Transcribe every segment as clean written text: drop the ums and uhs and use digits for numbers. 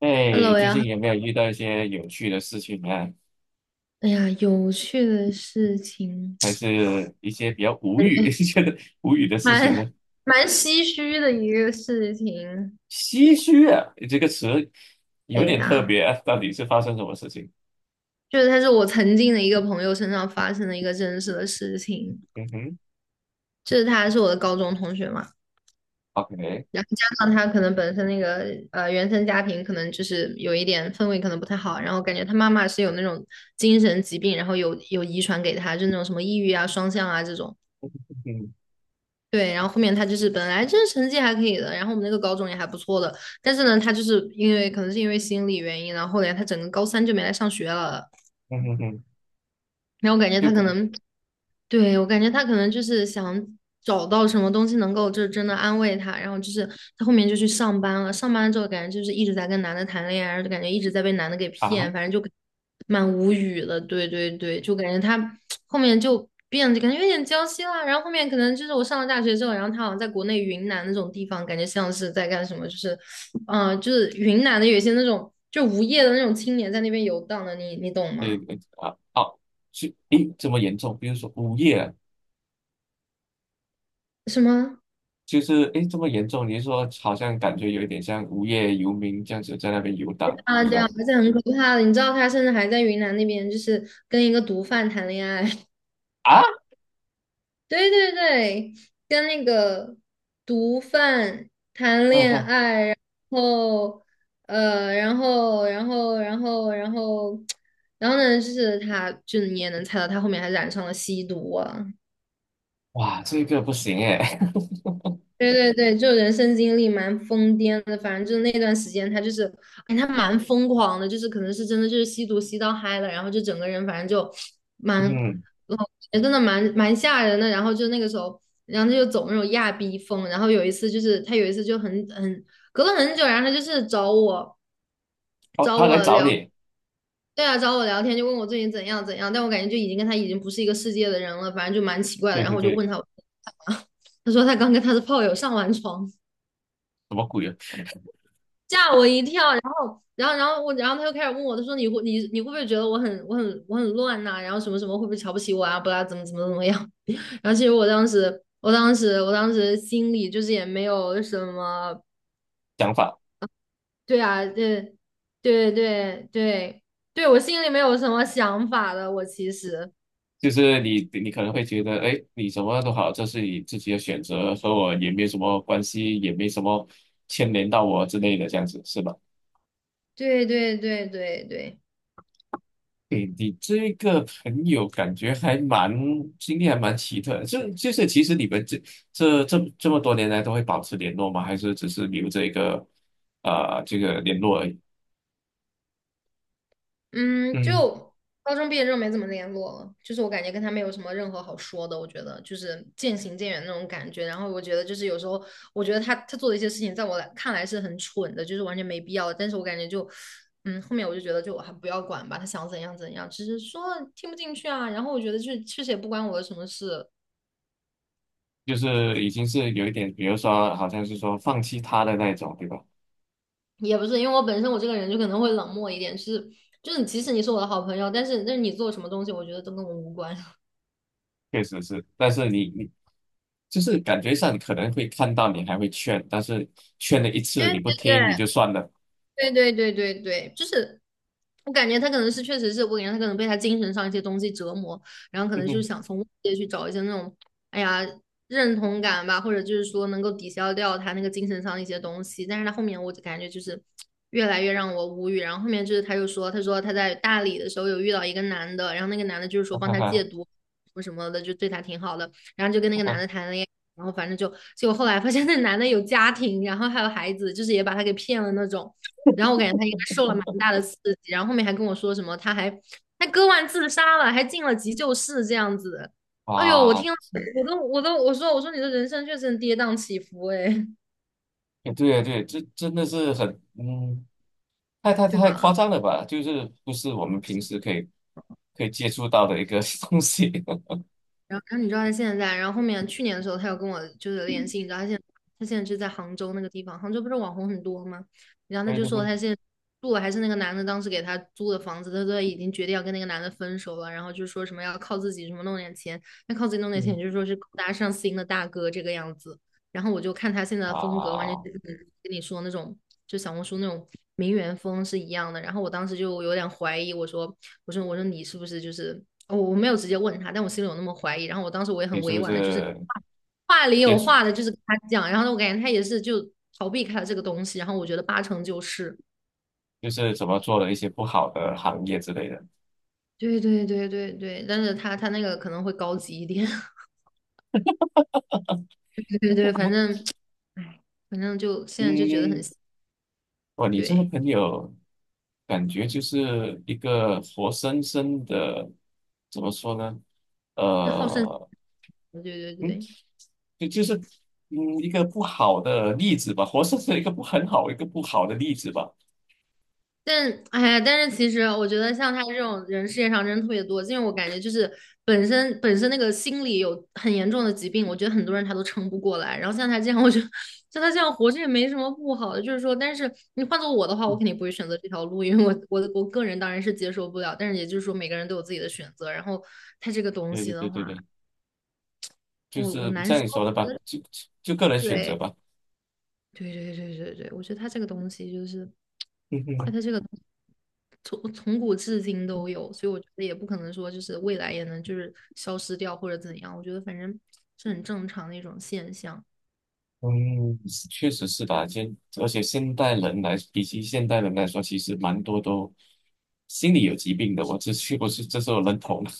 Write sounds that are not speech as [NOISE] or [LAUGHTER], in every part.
哎，Hello 最呀，近有没有遇到一些有趣的事情呢？哎呀，有趣的事情，还是一些比较无感语、[LAUGHS] 觉觉得无语的事情蛮呢？蛮唏嘘的一个事情。唏嘘啊，这个词有对点特呀，别啊，到底是发生什么事情？就是他是我曾经的一个朋友身上发生的一个真实的事情，嗯哼就是他是我的高中同学嘛，，OK，然后加上他可能本身那个原生家庭可能就是有一点氛围可能不太好，然后感觉他妈妈是有那种精神疾病，然后有遗传给他，就那种什么抑郁啊、双向啊这种。嗯哼，对，然后后面他就是本来就是成绩还可以的，然后我们那个高中也还不错的，但是呢，他就是因为可能是因为心理原因，然后后来他整个高三就没来上学了，嗯哼哼，然后我感觉就他可可能对，我感觉他可能就是想找到什么东西能够就是真的安慰他，然后就是他后面就去上班了，上班了之后感觉就是一直在跟男的谈恋爱，然后就感觉一直在被男的给骗，啊，反正就蛮无语的。对对对，就感觉他 [TSK] 后面就变得感觉有点娇妻啦，然后后面可能就是我上了大学之后，然后他好像在国内云南那种地方，感觉像是在干什么，就是就是云南的有一些那种就无业的那种青年在那边游荡的，你懂个吗？啊，哦，是，诶，这么严重？比如说无业啊，什么？就是诶，这么严重？你是说好像感觉有一点像无业游民这样子在那边游荡，啊，就是对啊，而且很可怕的，你知道他甚至还在云南那边，就是跟一个毒贩谈恋爱。[LAUGHS] 啊，对对对，跟那个毒贩谈嗯恋哼，爱，后然后 [TSK] 然后呢，就是他，就你也能猜到，他后面还染上了吸毒啊。哇，这个不行诶，[LAUGHS] 对对对，就人生经历蛮疯癫的，反正就是那段时间他就是，哎，他蛮疯狂的，就是可能是真的就是吸毒吸到嗨了，然后就整个人反正就蛮，嗯。呃真的蛮吓人的。然后就那个时候，然后他就走那种亚逼风。然后有一次就是他有一次就很隔了很久，然后他就是找我哦，找他来我找聊。你，对啊，找我聊天就问我最近怎样怎样，但我感觉就已经跟他已经不是一个世界的人了，反正就蛮奇怪的。对然对后我就对，问他，我 [LAUGHS] 他说他刚跟他的炮友上完床，什么鬼啊？吓我一跳。然后，然后，然后我，然后他又开始问我，他说你会不会觉得我很乱呐、然后什么什么会不会瞧不起我啊？不啦，怎么样？[LAUGHS] 然后其实我当时心里就是也没有什么，想法对啊，对对对对对，我心里没有什么想法的，我其实。就是你，你可能会觉得，哎，你什么都好，这是你自己的选择，和我也没什么关系，也没什么牵连到我之类的，这样子是吧？对对对对对，对，你这个朋友感觉还蛮经历还蛮奇特的就就是其实你们这这么多年来都会保持联络吗？还是只是留这个呃这个联络而已？嗯，嗯，就高中毕业之后没怎么联络了，就是我感觉跟他没有什么任何好说的，我觉得就是渐行渐远那种感觉。然后我觉得就是有时候，我觉得他做的一些事情，在我来看来是很蠢的，就是完全没必要的但是我感觉就，嗯，后面我就觉得就我还不要管吧，他想怎样怎样，只是说听不进去啊。然后我觉得就是确实也不关我的什么事，就是已经是有一点，比如说好像是说放弃他的那一种，对吧？也不是因为我本身我这个人就可能会冷漠一点，就是就是即使你是我的好朋友，但是你做什么东西，我觉得都跟我无关。[LAUGHS] 确实是，但是你你就是感觉上可能会看到你还会劝，但是劝了一次对你不对听你对，就算了，对对对对对，就是我感觉他可能是确实是我感觉他可能被他精神上一些东西折磨，然后 [LAUGHS] 可哼能就是哼，想从外界去找一些那种哎呀认同感吧，或者就是说能够抵消掉他那个精神上一些东西。但是他后面我就感觉就是越来越让我无语。然后后面就是他又说，他说他在大理的时候有遇到一个男的，然后那个男的就是 [LAUGHS] 说哈帮哈他戒哈毒什么什么的，就对他挺好的，然后就跟那哈个男哈，的谈恋爱。然后反正就，结果后来发现那男的有家庭，然后还有孩子，就是也把他给骗了那种。然后我感觉他应该受了蛮大的刺激，然后后面还跟我说什么，他割腕自杀了，还进了急救室这样子。哎呦，我哇，听了我都我说我说你的人生确实很跌宕起伏哎，哎对啊对，这真的是很嗯，太太对太夸吧？张了吧？就是不是我们平时可以可以接触到的一个 [LAUGHS] 东西，[LAUGHS] 然后，然后你知道他现在在，然后后面去年的时候，他有跟我就是联系，你知道他现在就在杭州那个地方，杭州不是网红很多吗？然后他对就对说对，他现在住的还是那个男的当时给他租的房子，他都已经决定要跟那个男的分手了，然后就说什么要靠自己，什么弄点钱，要靠自己弄点嗯钱，就是说是勾搭上心的大哥这个样子。然后我就看他现在的风格，完全啊，就是跟你说那种，就小红书那种名媛风是一样的。然后我当时就有点怀疑，我说你是不是就是我哦，我没有直接问他，但我心里有那么怀疑。然后我当时我也你很是委不婉的，就是是话里接有触话的，就是跟他讲。然后我感觉他也是就逃避开了这个东西。然后我觉得八成就是，就是怎么做了一些不好的行业之类的？对对对对对，但是他那个可能会高级一点。[LAUGHS] 对对对，反我正，哎，反正就现在就觉得很嗯，哇，你这个对。朋友感觉就是一个活生生的，怎么说呢？那好胜，呃，[LAUGHS] 对对嗯，对。就就是嗯一个不好的例子吧，活生生一个不很好一个不好的例子吧。但哎呀，但是其实我觉得像他这种人世界上真的特别多，因为我感觉就是本身那个心理有很严重的疾病，我觉得很多人他都撑不过来。然后像他这样，我觉得像他这样活着也没什么不好的，就是说，但是你换做我的话，我肯定不会选择这条路，因为我个人当然是接受不了，但是也就是说每个人都有自己的选择，然后他这个东对西对的对对话，对，就我是我难像说，你说的吧，就就个人选择对。吧。对对对对对，我觉得他这个东西就是，嗯它哼，的这个从古至今都有，所以我觉得也不可能说就是未来也能就是消失掉或者怎样，我觉得反正是很正常的一种现象。嗯，确实是吧。现而且现代人来，比起现代人来说，其实蛮多都心理有疾病的。我这是不是这是我认同的。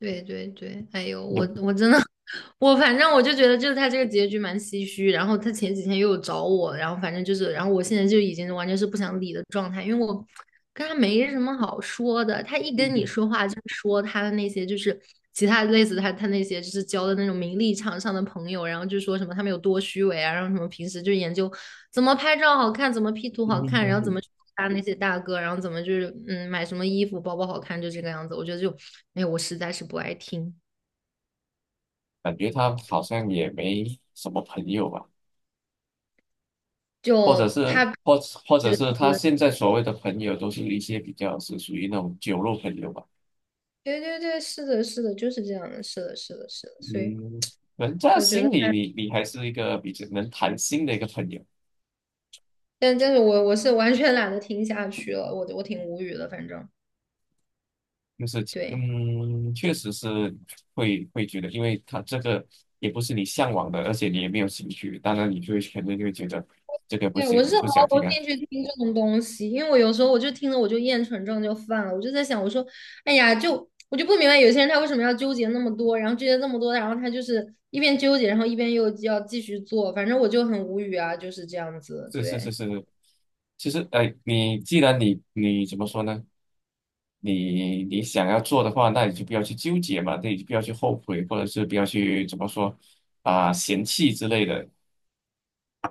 对对对，哎呦，[LAUGHS] 我嗯我真的，[LAUGHS] 我反正我就觉得就是他这个结局蛮唏嘘。然后他前几天又有找我，然后反正就是，然后我现在就已经完全是不想理的状态，因为我跟他没什么好说的，他一跟你嗯说话就是说他的那些就是其他类似他那些就是交的那种名利场上的朋友，然后就说什么他们有多虚伪啊，然后什么平时就研究怎么拍照好看，怎么 P 图嗯好看，然嗯后怎么嗯去搭那些大哥，然后怎么就是嗯买什么衣服包包好看，就这个样子。我觉得就哎我实在是不爱听，感觉他好像也没什么朋友吧，或者就是他或或者就是他是现在所谓的朋友都是一些比较是属于那种酒肉朋友吧。对对对，是的，是的，就是这样的，是的，是的，是的，所以嗯，人家我觉得心里他。你你还是一个比较能谈心的一个朋友，但但是我是完全懒得听下去了，我挺无语的，反正就是对嗯，确实是会会觉得，因为他这个也不是你向往的，而且你也没有兴趣，当然你就会 [LAUGHS] 肯定就会觉得这个不对，行，我是你不毫想听无啊。兴趣听这种东西，因为我有时候我就听了我就厌蠢症就犯了，我就在想，我说，哎呀，就我就不明白有些人他为什么要纠结那么多，然后纠结这么多，然后他就是一边纠结，然后一边又要继续做，反正我就很无语啊，就是这样子，是是是对是，其实哎，你既然你你怎么说呢？你你想要做的话，那你就不要去纠结嘛，那你就不要去后悔，或者是不要去怎么说啊、嫌弃之类的。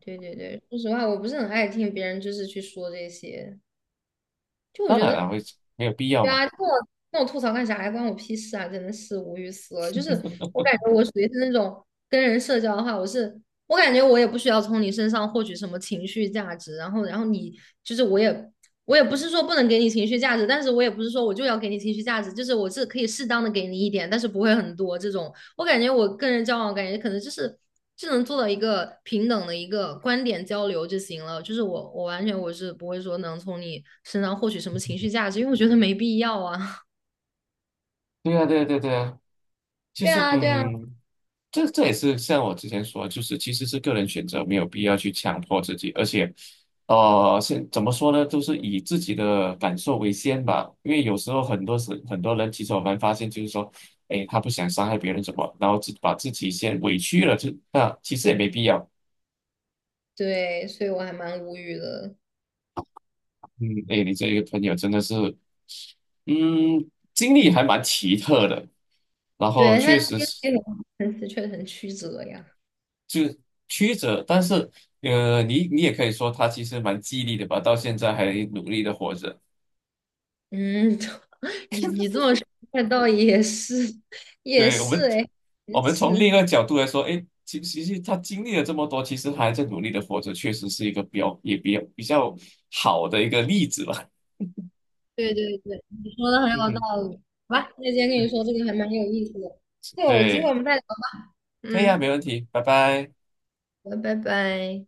对对对，说实话，我不是很爱听别人就是去说这些，就我当觉然了，得，会没有必要对嘛。啊，跟我吐槽干啥呀？关我屁事啊！真的是无语死了。就是我感觉我属于是那种跟人社交的话，我感觉我也不需要从你身上获取什么情绪价值，然后你就是我也不是说不能给你情绪价值，但是我也不是说我就要给你情绪价值，就是我是可以适当的给你一点，但是不会很多这种。我感觉我跟人交往，感觉可能就是只能做到一个平等的一个观点交流就行了。就是我，我完全是不会说能从你身上获取什么情绪价值，因为我觉得没必要啊。[LAUGHS] 对啊，对呀对呀对啊，就对是啊，对啊，嗯，这这也是像我之前说，就是其实是个人选择，没有必要去强迫自己，而且，呃，现怎么说呢，就是以自己的感受为先吧，因为有时候很多时很多人其实我们发现就是说，哎，他不想伤害别人什么，然后自把自己先委屈了，就那其实也没必要。对，所以我还蛮无语的。嗯，哎，你这个朋友真的是，嗯，经历还蛮奇特的，然后对，他确实是。这个很很的确实很曲折呀。就曲折，但是呃，你你也可以说他其实蛮激励的吧，到现在还努力的活着。嗯，[LAUGHS] 你这么说，那倒也是，也对，我是们，哎，我也们从另一是。个角度来说，哎，其其实他经历了这么多，其实还在努力的活着，确实是一个比较也比较比较好的一个例子吧。对对对，你说的很 [LAUGHS] 嗯有哼，道理。好吧，那今天跟你说这个还蛮有意思的。就有机会对，我们再聊可以啊，没嗯，问题，拜拜。好，拜拜。